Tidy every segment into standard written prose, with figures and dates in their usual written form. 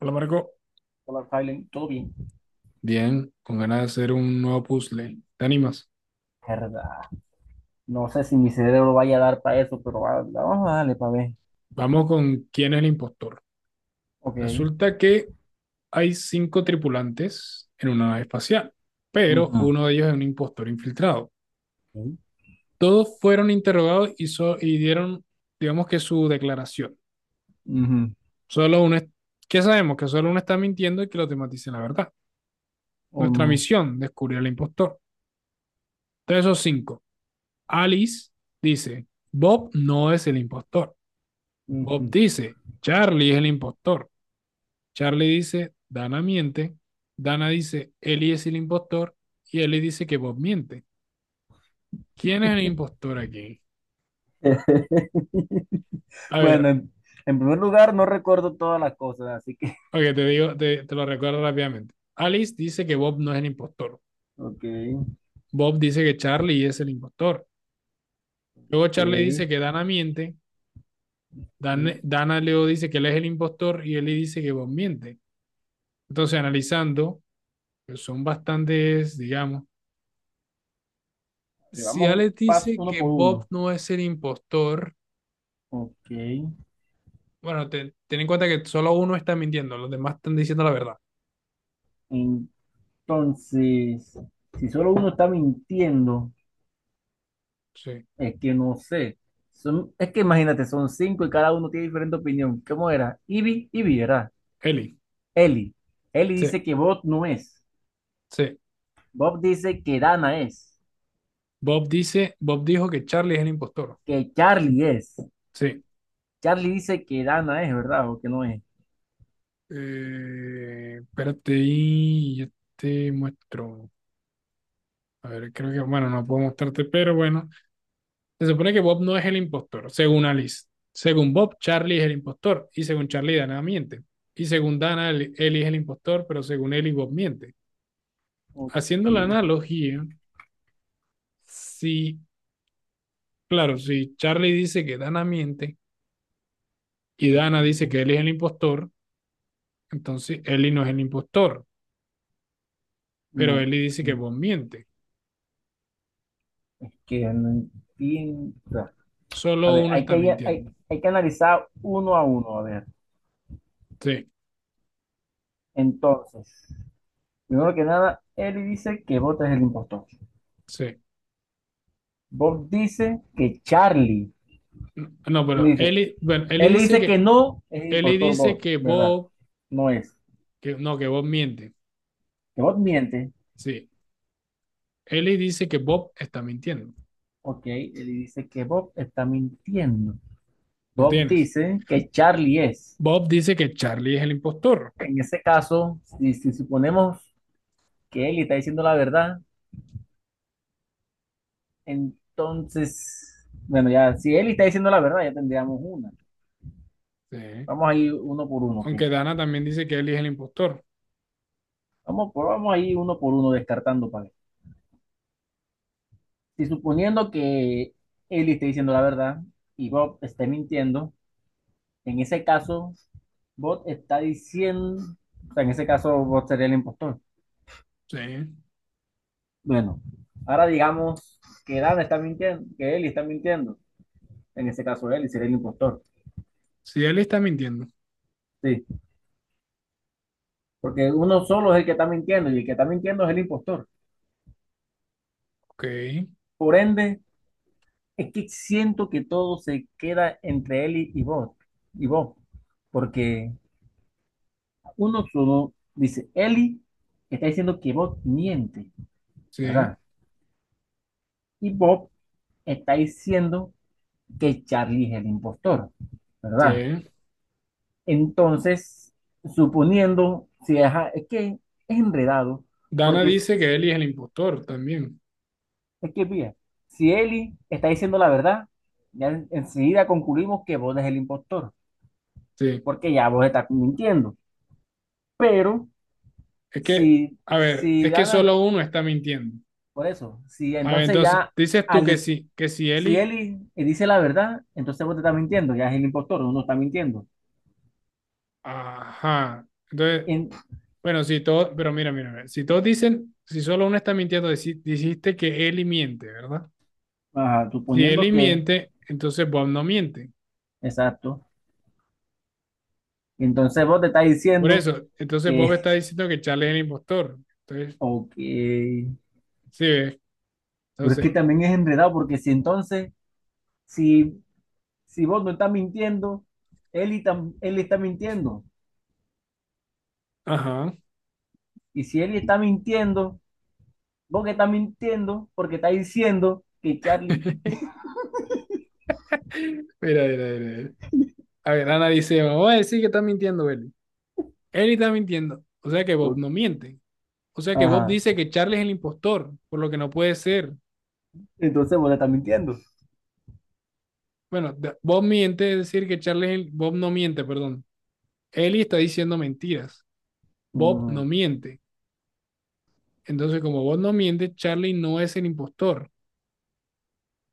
Hola Marco. Hola, Silent, todo bien. Bien, con ganas de hacer un nuevo puzzle. ¿Te animas? Verdad. No sé si mi cerebro vaya a dar para eso, pero vamos a darle para ver. Vamos con quién es el impostor. Ok. Resulta que hay cinco tripulantes en una nave espacial, pero Ujú. uno de ellos es un impostor infiltrado. Ok. Todos fueron interrogados y, dieron, digamos, que su declaración. Ujú. Solo uno, es- ¿Qué sabemos? Que solo uno está mintiendo y que los demás dicen la verdad. Oh, Nuestra no. misión, descubrir al impostor. Entonces, esos cinco. Alice dice, Bob no es el impostor. Bob Ujú. dice, Charlie es el impostor. Charlie dice, Dana miente. Dana dice, Ellie es el impostor. Y Ellie dice que Bob miente. ¿Quién es el impostor aquí? A Bueno, ver, en primer lugar, no recuerdo todas las cosas, así que. ok, te digo, te lo recuerdo rápidamente. Alice dice que Bob no es el impostor. Ok. Bob dice que Charlie es el impostor. Luego Charlie dice Ok. que Dana miente. Mm. Dana luego dice que él es el impostor y Ellie dice que Bob miente. Entonces, analizando, pues son bastantes, digamos. A ver, Si vamos un Alex paso dice uno que por Bob uno. no es el impostor, Ok. bueno, ten en cuenta que solo uno está mintiendo, los demás están diciendo la verdad. Entonces, si solo uno está mintiendo. Sí. Es que no sé. Son, es que imagínate, son cinco y cada uno tiene diferente opinión. ¿Cómo era? Ivy era. Eli. Eli. Eli Sí, dice que Bob no es. sí. Bob dice que Dana es. Bob dijo que Charlie es el impostor. Que Charlie es. Sí. Charlie dice que Dana es, ¿verdad? O que no es. Espérate y yo te muestro. A ver, creo que, bueno, no puedo mostrarte, pero bueno. Se supone que Bob no es el impostor, según Alice. Según Bob, Charlie es el impostor. Y según Charlie, Dana miente. Y según Dana, Eli es el impostor, pero según Eli, Bob miente. Ok. Haciendo la analogía, si, claro, Ok. si Charlie dice que Dana miente y Dana dice Ok. que él es el impostor, entonces Ellie no es el impostor, pero No, Ellie dice que Bob miente. que no entiendo. A Solo ver, uno está mintiendo. hay que analizar uno a uno. A ver. Sí, Entonces, primero que nada, Eli dice que Bob es el impostor. sí. Bob dice que Charlie. No, no, pero Dice, Ellie, bueno, él dice que no es el Ellie impostor dice Bob, que ¿verdad? Bob, No es. que no, que Bob miente. Que Bob miente. Sí. Ellie dice que Bob está mintiendo. Ok, él dice que Bob está mintiendo. Lo Bob tienes. dice que Charlie es. Bob dice que Charlie es el impostor. En ese caso, si suponemos que Ellie está diciendo la verdad, entonces, bueno, ya, si Ellie está diciendo la verdad, ya tendríamos una. Sí. Vamos a ir uno por uno, ok. Aunque Dana también dice que Ellie es el impostor. Vamos a ir uno por uno descartando para si suponiendo que Ellie esté diciendo la verdad y Bob esté mintiendo, en ese caso, Bob está diciendo, o sea, en ese caso, Bob sería el impostor. Sí. Bueno, ahora digamos que Dan está mintiendo, que Ellie está mintiendo. En ese caso, Ellie sería el impostor. Sí, Ellie está mintiendo. Sí, porque uno solo es el que está mintiendo y el que está mintiendo es el impostor. Ok, Por ende, es que siento que todo se queda entre Ellie y Bob, y Bob, porque 1-1 dice, Eli está diciendo que Bob miente, sí, ¿verdad? Y Bob está diciendo que Charlie es el impostor, ¿verdad? sí. Entonces, suponiendo, si es, es que es enredado, Dana porque dice que Eli es el impostor también. es que, mira, si Eli está diciendo la verdad, ya enseguida concluimos que Bob es el impostor, Sí. porque ya Bob está mintiendo. Pero Es que, a ver, si es que Dana, solo uno está mintiendo. por eso, si A ver, entonces entonces, ya dices tú al, que sí, que si si Eli, él, y él dice la verdad, entonces vos te estás mintiendo, ya es el impostor, uno está mintiendo. ajá. Entonces, En, bueno, si todos, pero mira, mira, mira, si todos dicen, si solo uno está mintiendo, dijiste que Eli miente, ¿verdad? ajá, Si suponiendo Eli que, miente, entonces Bob no miente. exacto. Entonces vos te estás Por diciendo eso, entonces Bob que, está diciendo que Charlie es el impostor. Entonces, ok, sí, ¿ves? pero es que Entonces, también es enredado, porque si entonces, si, si vos no estás mintiendo, él, y él está mintiendo. ajá. Y si él está mintiendo, vos que estás mintiendo, porque estás diciendo que Charlie, Mira, mira, mira. A ver, Ana dice, vamos a decir que está mintiendo Eli. Eli está mintiendo. O sea que Bob o- no miente. O sea que Bob ajá, dice que Charlie es el impostor, por lo que no puede ser. entonces vos le estás mintiendo. Bueno, Bob miente, es decir que Charlie es Bob no miente, perdón. Eli está diciendo mentiras. Bob no Mm, miente. Entonces, como Bob no miente, Charlie no es el impostor.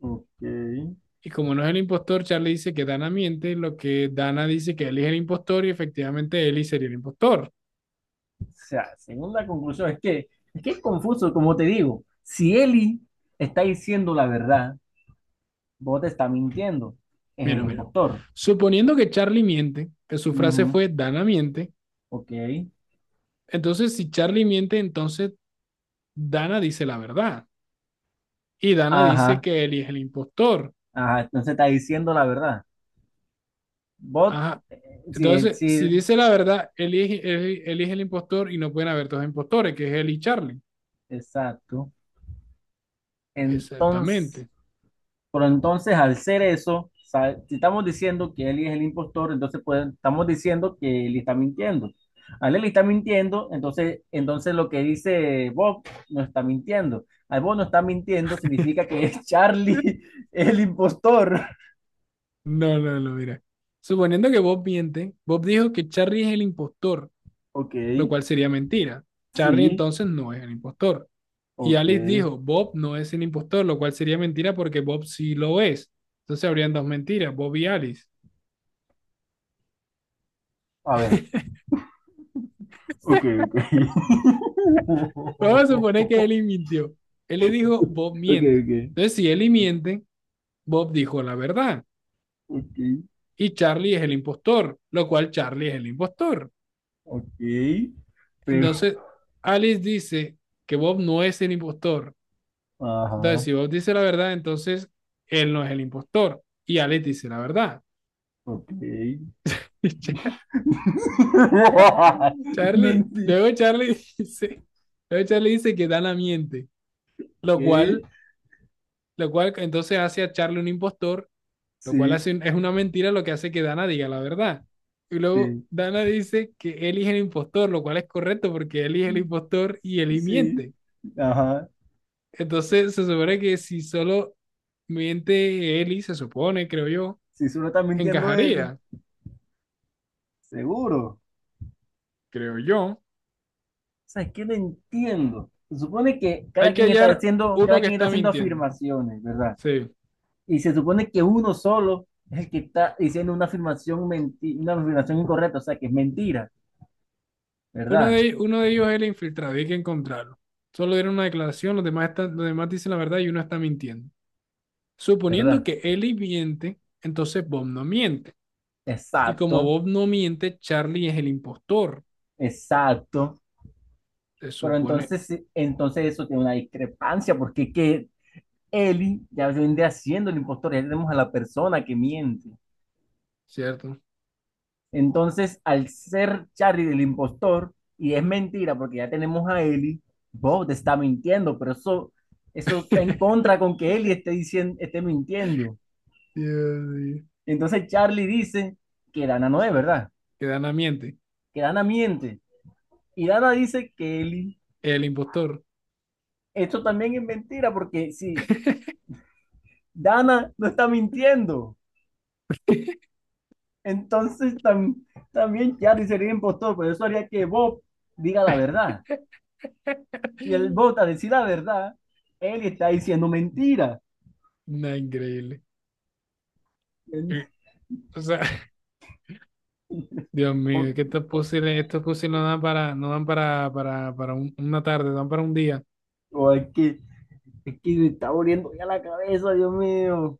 ok. Y como no es el impostor, Charlie dice que Dana miente, lo que Dana dice que Eli es el impostor y efectivamente Eli sería el impostor. Sea, segunda conclusión es que es confuso, como te digo, si Eli está diciendo la verdad, vos te está mintiendo, es el Mira, mira. impostor. Suponiendo que Charlie miente, que su frase Ujú, fue Dana miente. ok, Entonces, si Charlie miente, entonces Dana dice la verdad. Y Dana dice ajá, que Eli es el impostor. ajá, entonces está diciendo la verdad. Vos, Ajá. sí, Entonces, si sí. dice la verdad, Eli, Eli es el impostor y no pueden haber dos impostores, que es Eli y Charlie. Exacto. Entonces... Exactamente. Pero entonces, al ser eso, si estamos diciendo que Eli es el impostor, entonces pues, estamos diciendo que Eli está mintiendo. Al Eli está mintiendo, entonces lo que dice Bob no está mintiendo. Al Bob no está mintiendo significa que es Charlie el impostor. No, no, no, mira. Suponiendo que Bob miente, Bob dijo que Charlie es el impostor, Ok, lo cual sería mentira. Charlie sí, entonces no es el impostor. Y ok. Alice dijo, Bob no es el impostor, lo cual sería mentira porque Bob sí lo es. Entonces habrían dos mentiras, Bob y Alice. A ver, ok, ok. Vamos a suponer que Eli mintió. Él le dijo, Bob Ok, miente. ok, Entonces, si Eli miente, Bob dijo la verdad. ok, Y Charlie es el impostor, lo cual Charlie es el impostor. ok. Pero, Entonces, Alice dice que Bob no es el impostor. Entonces, ajá, si Bob dice la verdad, entonces él no es el impostor. Y Alice dice la verdad. ok. Y Char- Charlie, Nanti. luego Charlie dice, luego Charlie dice que Dana miente, lo Ok, cual, lo cual entonces hace a Charlie un impostor, lo cual sí, hace es una mentira lo que hace que Dana diga la verdad. Y luego sí, Dana dice que Eli es el impostor, lo cual es correcto porque Eli es el impostor y Eli sí. miente. Ajá. Entonces se supone que si solo miente Eli, se supone, creo yo, Si solo está mintiendo él, encajaría, seguro. creo yo. O sea, es que no entiendo. Se supone que Hay que hallar uno cada que quien está está haciendo mintiendo. afirmaciones, ¿verdad? Sí. Y se supone que uno solo es el que está diciendo una una afirmación incorrecta, o sea, que es mentira, Uno de, ¿verdad? Uno de ellos es el infiltrado, y hay que encontrarlo. Solo dieron una declaración, los demás, están, los demás dicen la verdad y uno está mintiendo. Suponiendo ¿Verdad? que Eli miente, entonces Bob no miente. Y como Exacto, Bob no miente, Charlie es el impostor, exacto. se Pero supone, entonces, sí, entonces eso tiene una discrepancia, porque que Eli ya vendría haciendo el impostor, ya tenemos a la persona que miente. ¿cierto? Entonces, al ser Charlie el impostor, y es mentira porque ya tenemos a Eli, Bob te está mintiendo, eso está en contra con que Eli esté, diciendo, esté mintiendo. Dios mío. Entonces, Charlie dice que Dana no es verdad, Que Dana miente, que Dana miente. Y Dana dice que Eli, el impostor. esto también es mentira porque si Dana no está mintiendo, entonces también Charlie sería impostor, pero eso haría que Bob diga la verdad. Y el Bob a decir la verdad, él está diciendo mentira. ¡Nada increíble! Eh, O sea, Dios O, mío, es que o- estos puzzles no dan para, no dan para, para una tarde, dan para un día. o es que me está volviendo ya la cabeza, Dios mío.